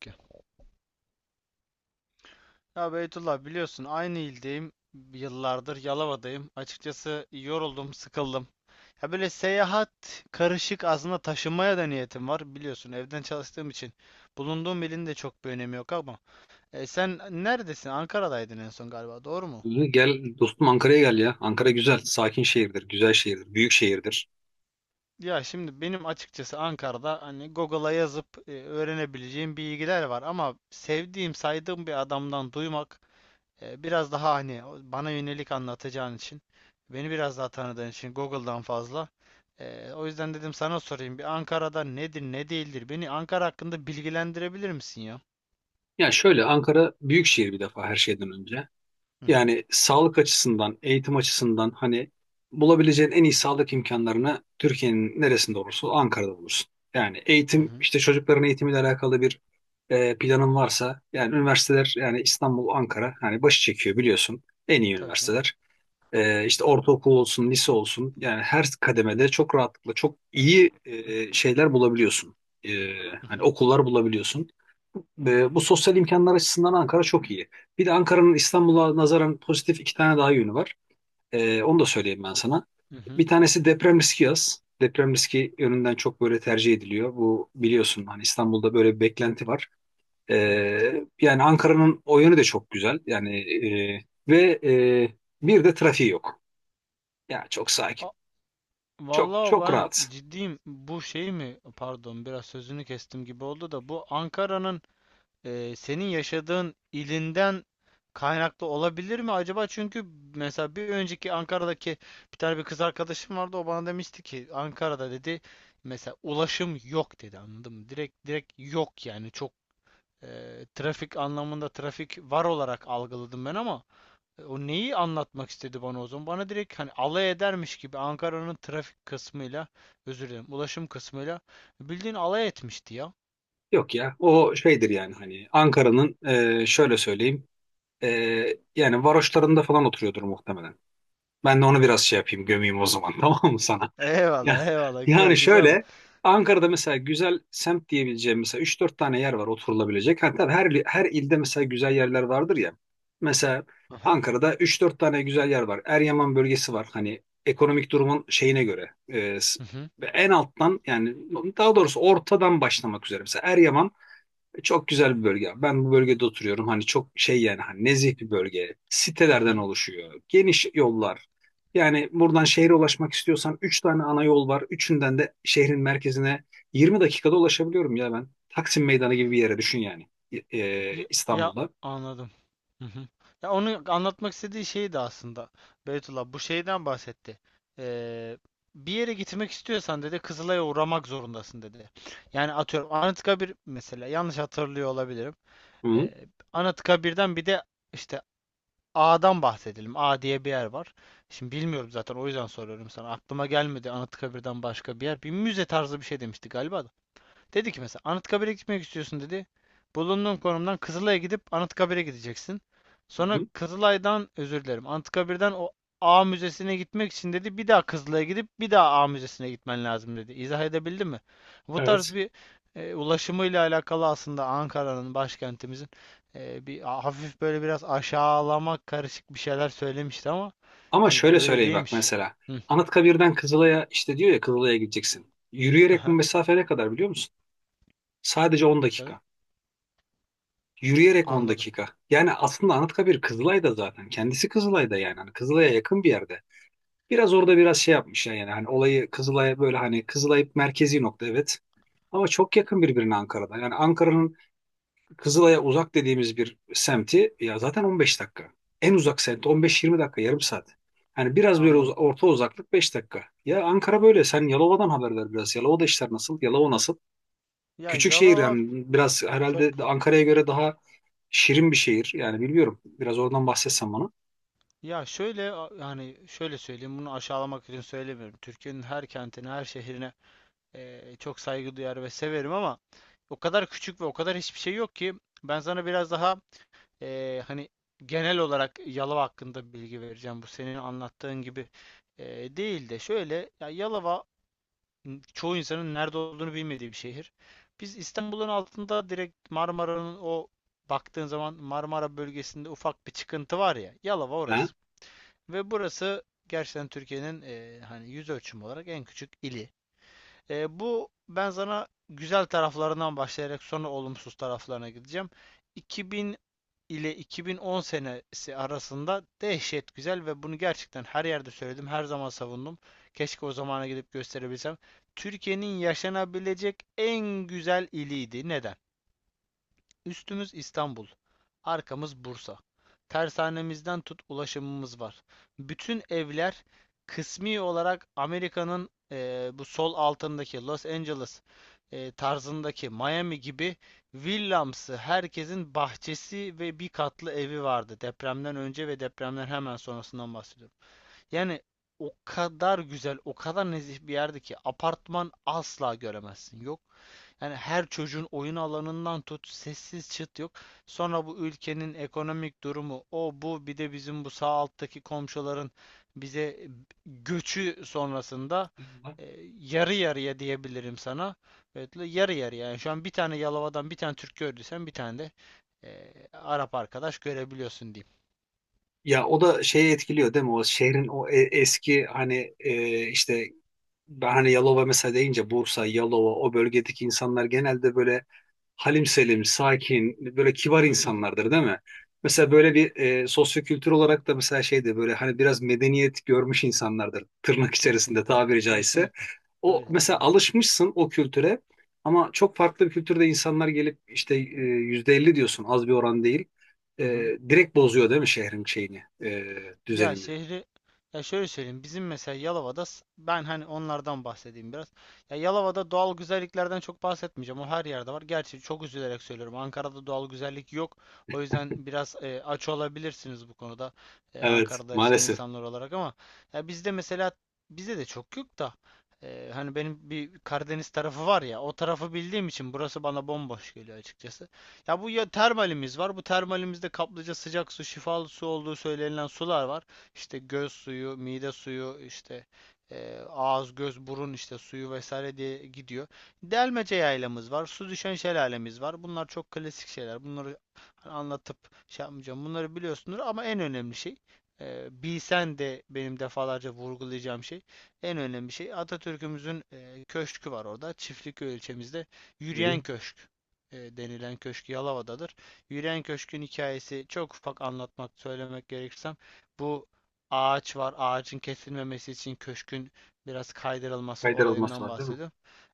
Ki. Ya Beytullah biliyorsun aynı ildeyim. Yıllardır Yalova'dayım. Açıkçası yoruldum, sıkıldım. Ya böyle seyahat karışık aslında taşınmaya da niyetim var. Biliyorsun evden çalıştığım için bulunduğum ilin de çok bir önemi yok ama. Sen neredesin? Ankara'daydın en son galiba, doğru mu? Gel dostum Ankara'ya gel ya. Ankara güzel, sakin şehirdir, güzel şehirdir, büyük şehirdir. Ya şimdi benim açıkçası Ankara'da hani Google'a yazıp öğrenebileceğim bilgiler var ama sevdiğim, saydığım bir adamdan duymak. Biraz daha hani bana yönelik anlatacağın için, beni biraz daha tanıdığın için Google'dan fazla. O yüzden dedim sana sorayım. Bir Ankara'da nedir, ne değildir? Beni Ankara hakkında bilgilendirebilir misin ya? Ya şöyle Ankara büyük şehir bir defa her şeyden önce. Hı hı. Yani sağlık açısından, eğitim açısından hani bulabileceğin en iyi sağlık imkanlarını Türkiye'nin neresinde olursa ol, Ankara'da bulursun. Yani Hı eğitim hı. işte çocukların eğitimiyle alakalı bir planın varsa yani üniversiteler yani İstanbul, Ankara hani başı çekiyor biliyorsun en iyi Tabii canım. üniversiteler. İşte ortaokul olsun, lise olsun yani her kademede çok rahatlıkla çok iyi şeyler bulabiliyorsun. Ee, Hı Hani hı. okullar bulabiliyorsun. Bu sosyal imkanlar açısından Ankara çok iyi. Bir de Ankara'nın İstanbul'a nazaran pozitif iki tane daha yönü var. Onu da söyleyeyim ben sana. Hı Bir hı. tanesi deprem riski az. Deprem riski yönünden çok böyle tercih ediliyor. Bu biliyorsun hani İstanbul'da böyle bir beklenti var. Evet. Yani Ankara'nın o yönü de çok güzel. Yani ve bir de trafiği yok. Ya çok sakin. A- Çok Vallahi çok ben rahat. ciddiyim. Bu şey mi? Pardon, biraz sözünü kestim gibi oldu da bu Ankara'nın senin yaşadığın ilinden kaynaklı olabilir mi acaba? Çünkü mesela bir önceki Ankara'daki bir tane bir kız arkadaşım vardı. O bana demişti ki Ankara'da dedi mesela ulaşım yok dedi anladın mı? Direkt direkt yok yani çok trafik anlamında trafik var olarak algıladım ben ama o neyi anlatmak istedi bana o zaman? Bana direkt hani alay edermiş gibi Ankara'nın trafik kısmıyla özür dilerim ulaşım kısmıyla bildiğin alay etmişti ya. Yok ya. O şeydir yani hani Ankara'nın şöyle söyleyeyim e, yani varoşlarında falan oturuyordur muhtemelen. Ben de onu biraz şey yapayım gömeyim o zaman tamam mı sana? Ya, Eyvallah eyvallah, yani güzel güzel. şöyle Ankara'da mesela güzel semt diyebileceğim mesela üç dört tane yer var oturulabilecek. Hatta her ilde mesela güzel yerler vardır ya. Mesela Ankara'da üç dört tane güzel yer var. Eryaman bölgesi var. Hani ekonomik durumun şeyine göre. Hı hı. Ve en alttan yani daha doğrusu ortadan başlamak üzere. Mesela Eryaman çok güzel bir bölge. Ben bu bölgede oturuyorum. Hani çok şey yani hani nezih bir bölge. Hı Sitelerden hı. oluşuyor. Geniş yollar. Yani buradan şehre ulaşmak istiyorsan 3 tane ana yol var. Üçünden de şehrin merkezine 20 dakikada ulaşabiliyorum ya ben. Taksim Meydanı gibi bir yere düşün yani Ya, ya İstanbul'da. anladım. Hı hı. Ya onu anlatmak istediği şeydi aslında. Beytullah bu şeyden bahsetti. Ee, Bir yere gitmek istiyorsan dedi Kızılay'a uğramak zorundasın dedi. Yani atıyorum Anıtkabir mesela, yanlış hatırlıyor olabilirim. Hı hı. Ee, Anıtkabir'den bir de işte A'dan bahsedelim. A diye bir yer var. Şimdi bilmiyorum zaten, o yüzden soruyorum sana. Aklıma gelmedi Anıtkabir'den başka bir yer. Bir müze tarzı bir şey demişti galiba da. Dedi ki mesela Anıtkabir'e gitmek istiyorsun dedi. Bulunduğun konumdan Kızılay'a gidip Anıtkabir'e gideceksin. Hı Sonra hı. Kızılay'dan özür dilerim. Anıtkabir'den o A Müzesi'ne gitmek için dedi bir daha Kızılay'a gidip bir daha A Müzesi'ne gitmen lazım dedi. İzah edebildim mi? Bu tarz Evet. bir ulaşımıyla alakalı aslında Ankara'nın, başkentimizin, bir hafif böyle biraz aşağılama karışık bir şeyler söylemişti ama Ama de şöyle öyle söyleyeyim bak değilmiş. mesela. Hı. Anıtkabir'den Kızılay'a işte diyor ya Kızılay'a gideceksin. Yürüyerek bu Aha. mesafe ne kadar biliyor musun? Sadece 10 Ne kadar? dakika. Yürüyerek 10 Anladım. dakika. Yani aslında Anıtkabir Kızılay'da zaten. Kendisi Kızılay'da yani. Hani Kızılay'a yakın bir yerde. Biraz orada biraz şey yapmışlar yani. Hani olayı Kızılay'a böyle hani Kızılay merkezi nokta evet. Ama çok yakın birbirine Ankara'da. Yani Ankara'nın Kızılay'a uzak dediğimiz bir semti ya zaten 15 dakika. En uzak semt 15-20 dakika yarım saat. Yani biraz böyle Anladım. Orta uzaklık 5 dakika. Ya Ankara böyle. Sen Yalova'dan haber ver biraz. Yalova'da işler nasıl? Yalova nasıl? Ya Küçük şehir Yalova yani biraz çok. herhalde Ankara'ya göre daha şirin bir şehir. Yani bilmiyorum. Biraz oradan bahsetsen bana. Ya şöyle, yani şöyle söyleyeyim, bunu aşağılamak için söylemiyorum. Türkiye'nin her kentine, her şehrine çok saygı duyar ve severim ama o kadar küçük ve o kadar hiçbir şey yok ki ben sana biraz daha hani genel olarak Yalova hakkında bilgi vereceğim. Bu senin anlattığın gibi değil de, şöyle, ya Yalova çoğu insanın nerede olduğunu bilmediği bir şehir. Biz İstanbul'un altında direkt Marmara'nın o, baktığın zaman Marmara bölgesinde ufak bir çıkıntı var ya, Yalova Ha? orası. Ve burası gerçekten Türkiye'nin hani yüz ölçümü olarak en küçük ili. Bu, ben sana güzel taraflarından başlayarak sonra olumsuz taraflarına gideceğim. 2000 ile 2010 senesi arasında dehşet güzel ve bunu gerçekten her yerde söyledim, her zaman savundum. Keşke o zamana gidip gösterebilsem. Türkiye'nin yaşanabilecek en güzel iliydi. Neden? Üstümüz İstanbul, arkamız Bursa. Tersanemizden tut, ulaşımımız var. Bütün evler kısmi olarak Amerika'nın bu sol altındaki Los Angeles tarzındaki Miami gibi villamsı, herkesin bahçesi ve bir katlı evi vardı. Depremden önce ve depremden hemen sonrasından bahsediyorum. Yani o kadar güzel, o kadar nezih bir yerdi ki apartman asla göremezsin. Yok yani, her çocuğun oyun alanından tut, sessiz, çıt yok. Sonra bu ülkenin ekonomik durumu, o bu, bir de bizim bu sağ alttaki komşuların bize göçü sonrasında yarı yarıya diyebilirim sana. Evet, yarı yarıya. Yani şu an bir tane Yalova'dan bir tane Türk gördüysen bir tane de Arap arkadaş görebiliyorsun diyeyim. Ya o da şeyi etkiliyor değil mi? O şehrin o eski hani işte ben hani Yalova mesela deyince Bursa, Yalova o bölgedeki insanlar genelde böyle halim selim, sakin, böyle kibar Hı hı, insanlardır değil mi? Mesela böyle bir sosyokültür olarak da mesela şeydi böyle hani biraz medeniyet görmüş insanlardır tırnak içerisinde kesinlikle. tabiri caizse. Kesinlikle. O Öyle tabii mesela canım. alışmışsın o kültüre ama çok farklı bir kültürde insanlar gelip işte %50 diyorsun az bir oran değil. E, Hı hı. Direkt bozuyor değil mi şehrin şeyini, Ya düzenini? şehri, ya şöyle söyleyeyim, bizim mesela Yalova'da ben hani onlardan bahsedeyim biraz. Ya Yalova'da doğal güzelliklerden çok bahsetmeyeceğim. O her yerde var. Gerçi çok üzülerek söylüyorum, Ankara'da doğal güzellik yok. O yüzden biraz aç olabilirsiniz bu konuda, Evet Ankara'da yaşayan maalesef. insanlar olarak, ama ya bizde mesela, bizde de çok yok da hani benim bir Karadeniz tarafı var ya, o tarafı bildiğim için burası bana bomboş geliyor açıkçası. Ya bu, ya termalimiz var. Bu termalimizde kaplıca, sıcak su, şifalı su olduğu söylenilen sular var. İşte göz suyu, mide suyu, işte ağız, göz, burun işte suyu vesaire diye gidiyor. Delmece yaylamız var. Su düşen şelalemiz var. Bunlar çok klasik şeyler. Bunları hani anlatıp şey yapmayacağım. Bunları biliyorsunuz ama en önemli şey, bilsen de benim defalarca vurgulayacağım şey, en önemli şey Atatürk'ümüzün köşkü var orada. Çiftlikköy ilçemizde Hı hı. yürüyen köşk denilen köşk Yalova'dadır. Yürüyen Köşk'ün hikayesi, çok ufak anlatmak, söylemek gerekirsem, bu ağaç var. Ağacın kesilmemesi için köşkün biraz kaydırılması Kaydırılması olayından var değil mi? bahsediyorum.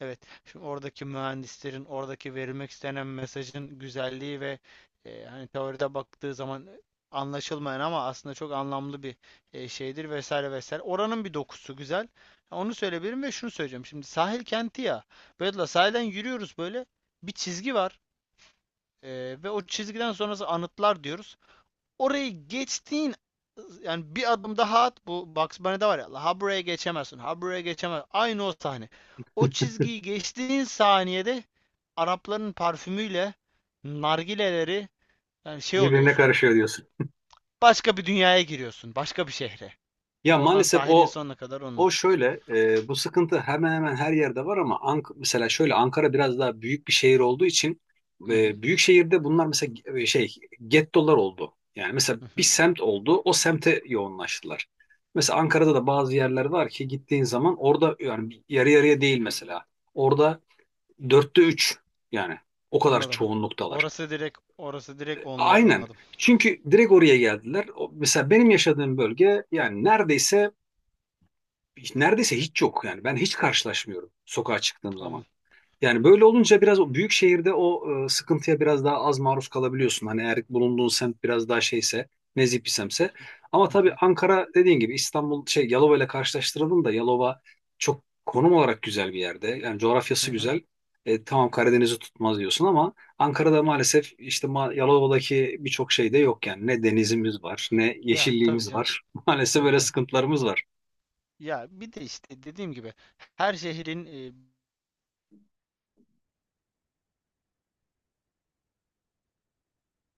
Evet, şimdi oradaki mühendislerin, oradaki verilmek istenen mesajın güzelliği ve hani teoride baktığı zaman anlaşılmayan ama aslında çok anlamlı bir şeydir vesaire vesaire. Oranın bir dokusu güzel. Onu söyleyebilirim ve şunu söyleyeceğim. Şimdi sahil kenti ya. Böyle la sahilden yürüyoruz, böyle bir çizgi var e, ve o çizgiden sonrası anıtlar diyoruz. Orayı geçtiğin, yani bir adım daha at, bu Bugs Bunny'de var ya, ha buraya geçemezsin ha buraya geçemez, aynı o sahne. O çizgiyi geçtiğin saniyede Arapların parfümüyle nargileleri, yani şey Birbirine oluyorsun. karışıyor diyorsun. Başka bir dünyaya giriyorsun. Başka bir şehre. Ya Oradan maalesef sahilin o sonuna kadar onun. o şöyle bu sıkıntı hemen hemen her yerde var ama mesela şöyle Ankara biraz daha büyük bir şehir olduğu için Hı hı. Büyük şehirde bunlar mesela şey gettolar oldu. Yani mesela Hı bir hı. semt oldu o semte yoğunlaştılar. Mesela Ankara'da da bazı yerler var ki gittiğin zaman orada yani yarı yarıya değil mesela. Orada 3/4 yani o kadar Anladım. çoğunluktalar. Orası direkt, orası direkt onların, Aynen. anladım. Çünkü direkt oraya geldiler. Mesela benim yaşadığım bölge yani neredeyse hiç yok yani ben hiç karşılaşmıyorum sokağa çıktığım Tamam. zaman. Yani böyle olunca biraz o büyük şehirde o sıkıntıya biraz daha az maruz kalabiliyorsun. Hani eğer bulunduğun semt biraz daha şeyse, nezih bir semtse. Ama Hı tabii hı. Ankara dediğin gibi İstanbul şey Yalova ile karşılaştıralım da Yalova çok konum olarak güzel bir yerde. Yani Hı coğrafyası hı. güzel. Tamam Karadeniz'i tutmaz diyorsun ama Ankara'da maalesef işte Yalova'daki birçok şey de yok yani. Ne denizimiz var, ne Ya tabii yeşilliğimiz canım. var. Maalesef Tabii böyle canım. sıkıntılarımız var. Ya bir de işte dediğim gibi, her şehrin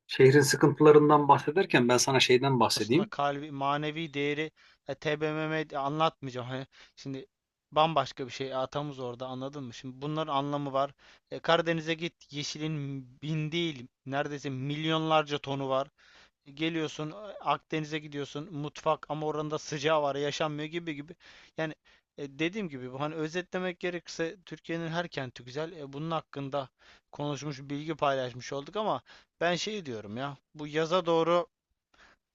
Şehrin sıkıntılarından bahsederken ben sana şeyden aslında bahsedeyim. kalbi, manevi değeri, TBMM de anlatmayacağım. Hani şimdi bambaşka bir şey, atamız orada, anladın mı? Şimdi bunların anlamı var. Karadeniz'e git, yeşilin bin değil neredeyse milyonlarca tonu var. Geliyorsun Akdeniz'e gidiyorsun, mutfak, ama oranın da sıcağı var, yaşanmıyor gibi gibi. Yani dediğim gibi, bu hani özetlemek gerekirse, Türkiye'nin her kenti güzel. Bunun hakkında konuşmuş, bilgi paylaşmış olduk ama ben şey diyorum ya, bu yaza doğru,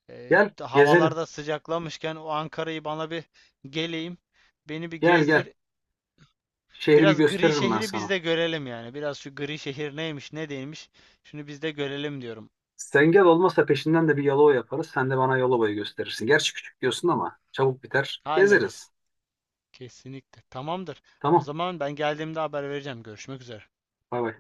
Gel gezelim. havalarda sıcaklamışken o Ankara'yı bana bir, geleyim, beni bir Gel gel. gezdir. Şehri bir Biraz gri gösteririm ben şehri biz sana. de görelim yani. Biraz şu gri şehir neymiş ne değilmiş, şunu biz de görelim diyorum. Sen gel olmazsa peşinden de bir Yalova yaparız. Sen de bana Yalova'yı gösterirsin. Gerçi küçük diyorsun ama çabuk biter. Hallederiz. Gezeriz. Kesinlikle. Tamamdır. O Tamam. zaman ben geldiğimde haber vereceğim. Görüşmek üzere. Bay bay.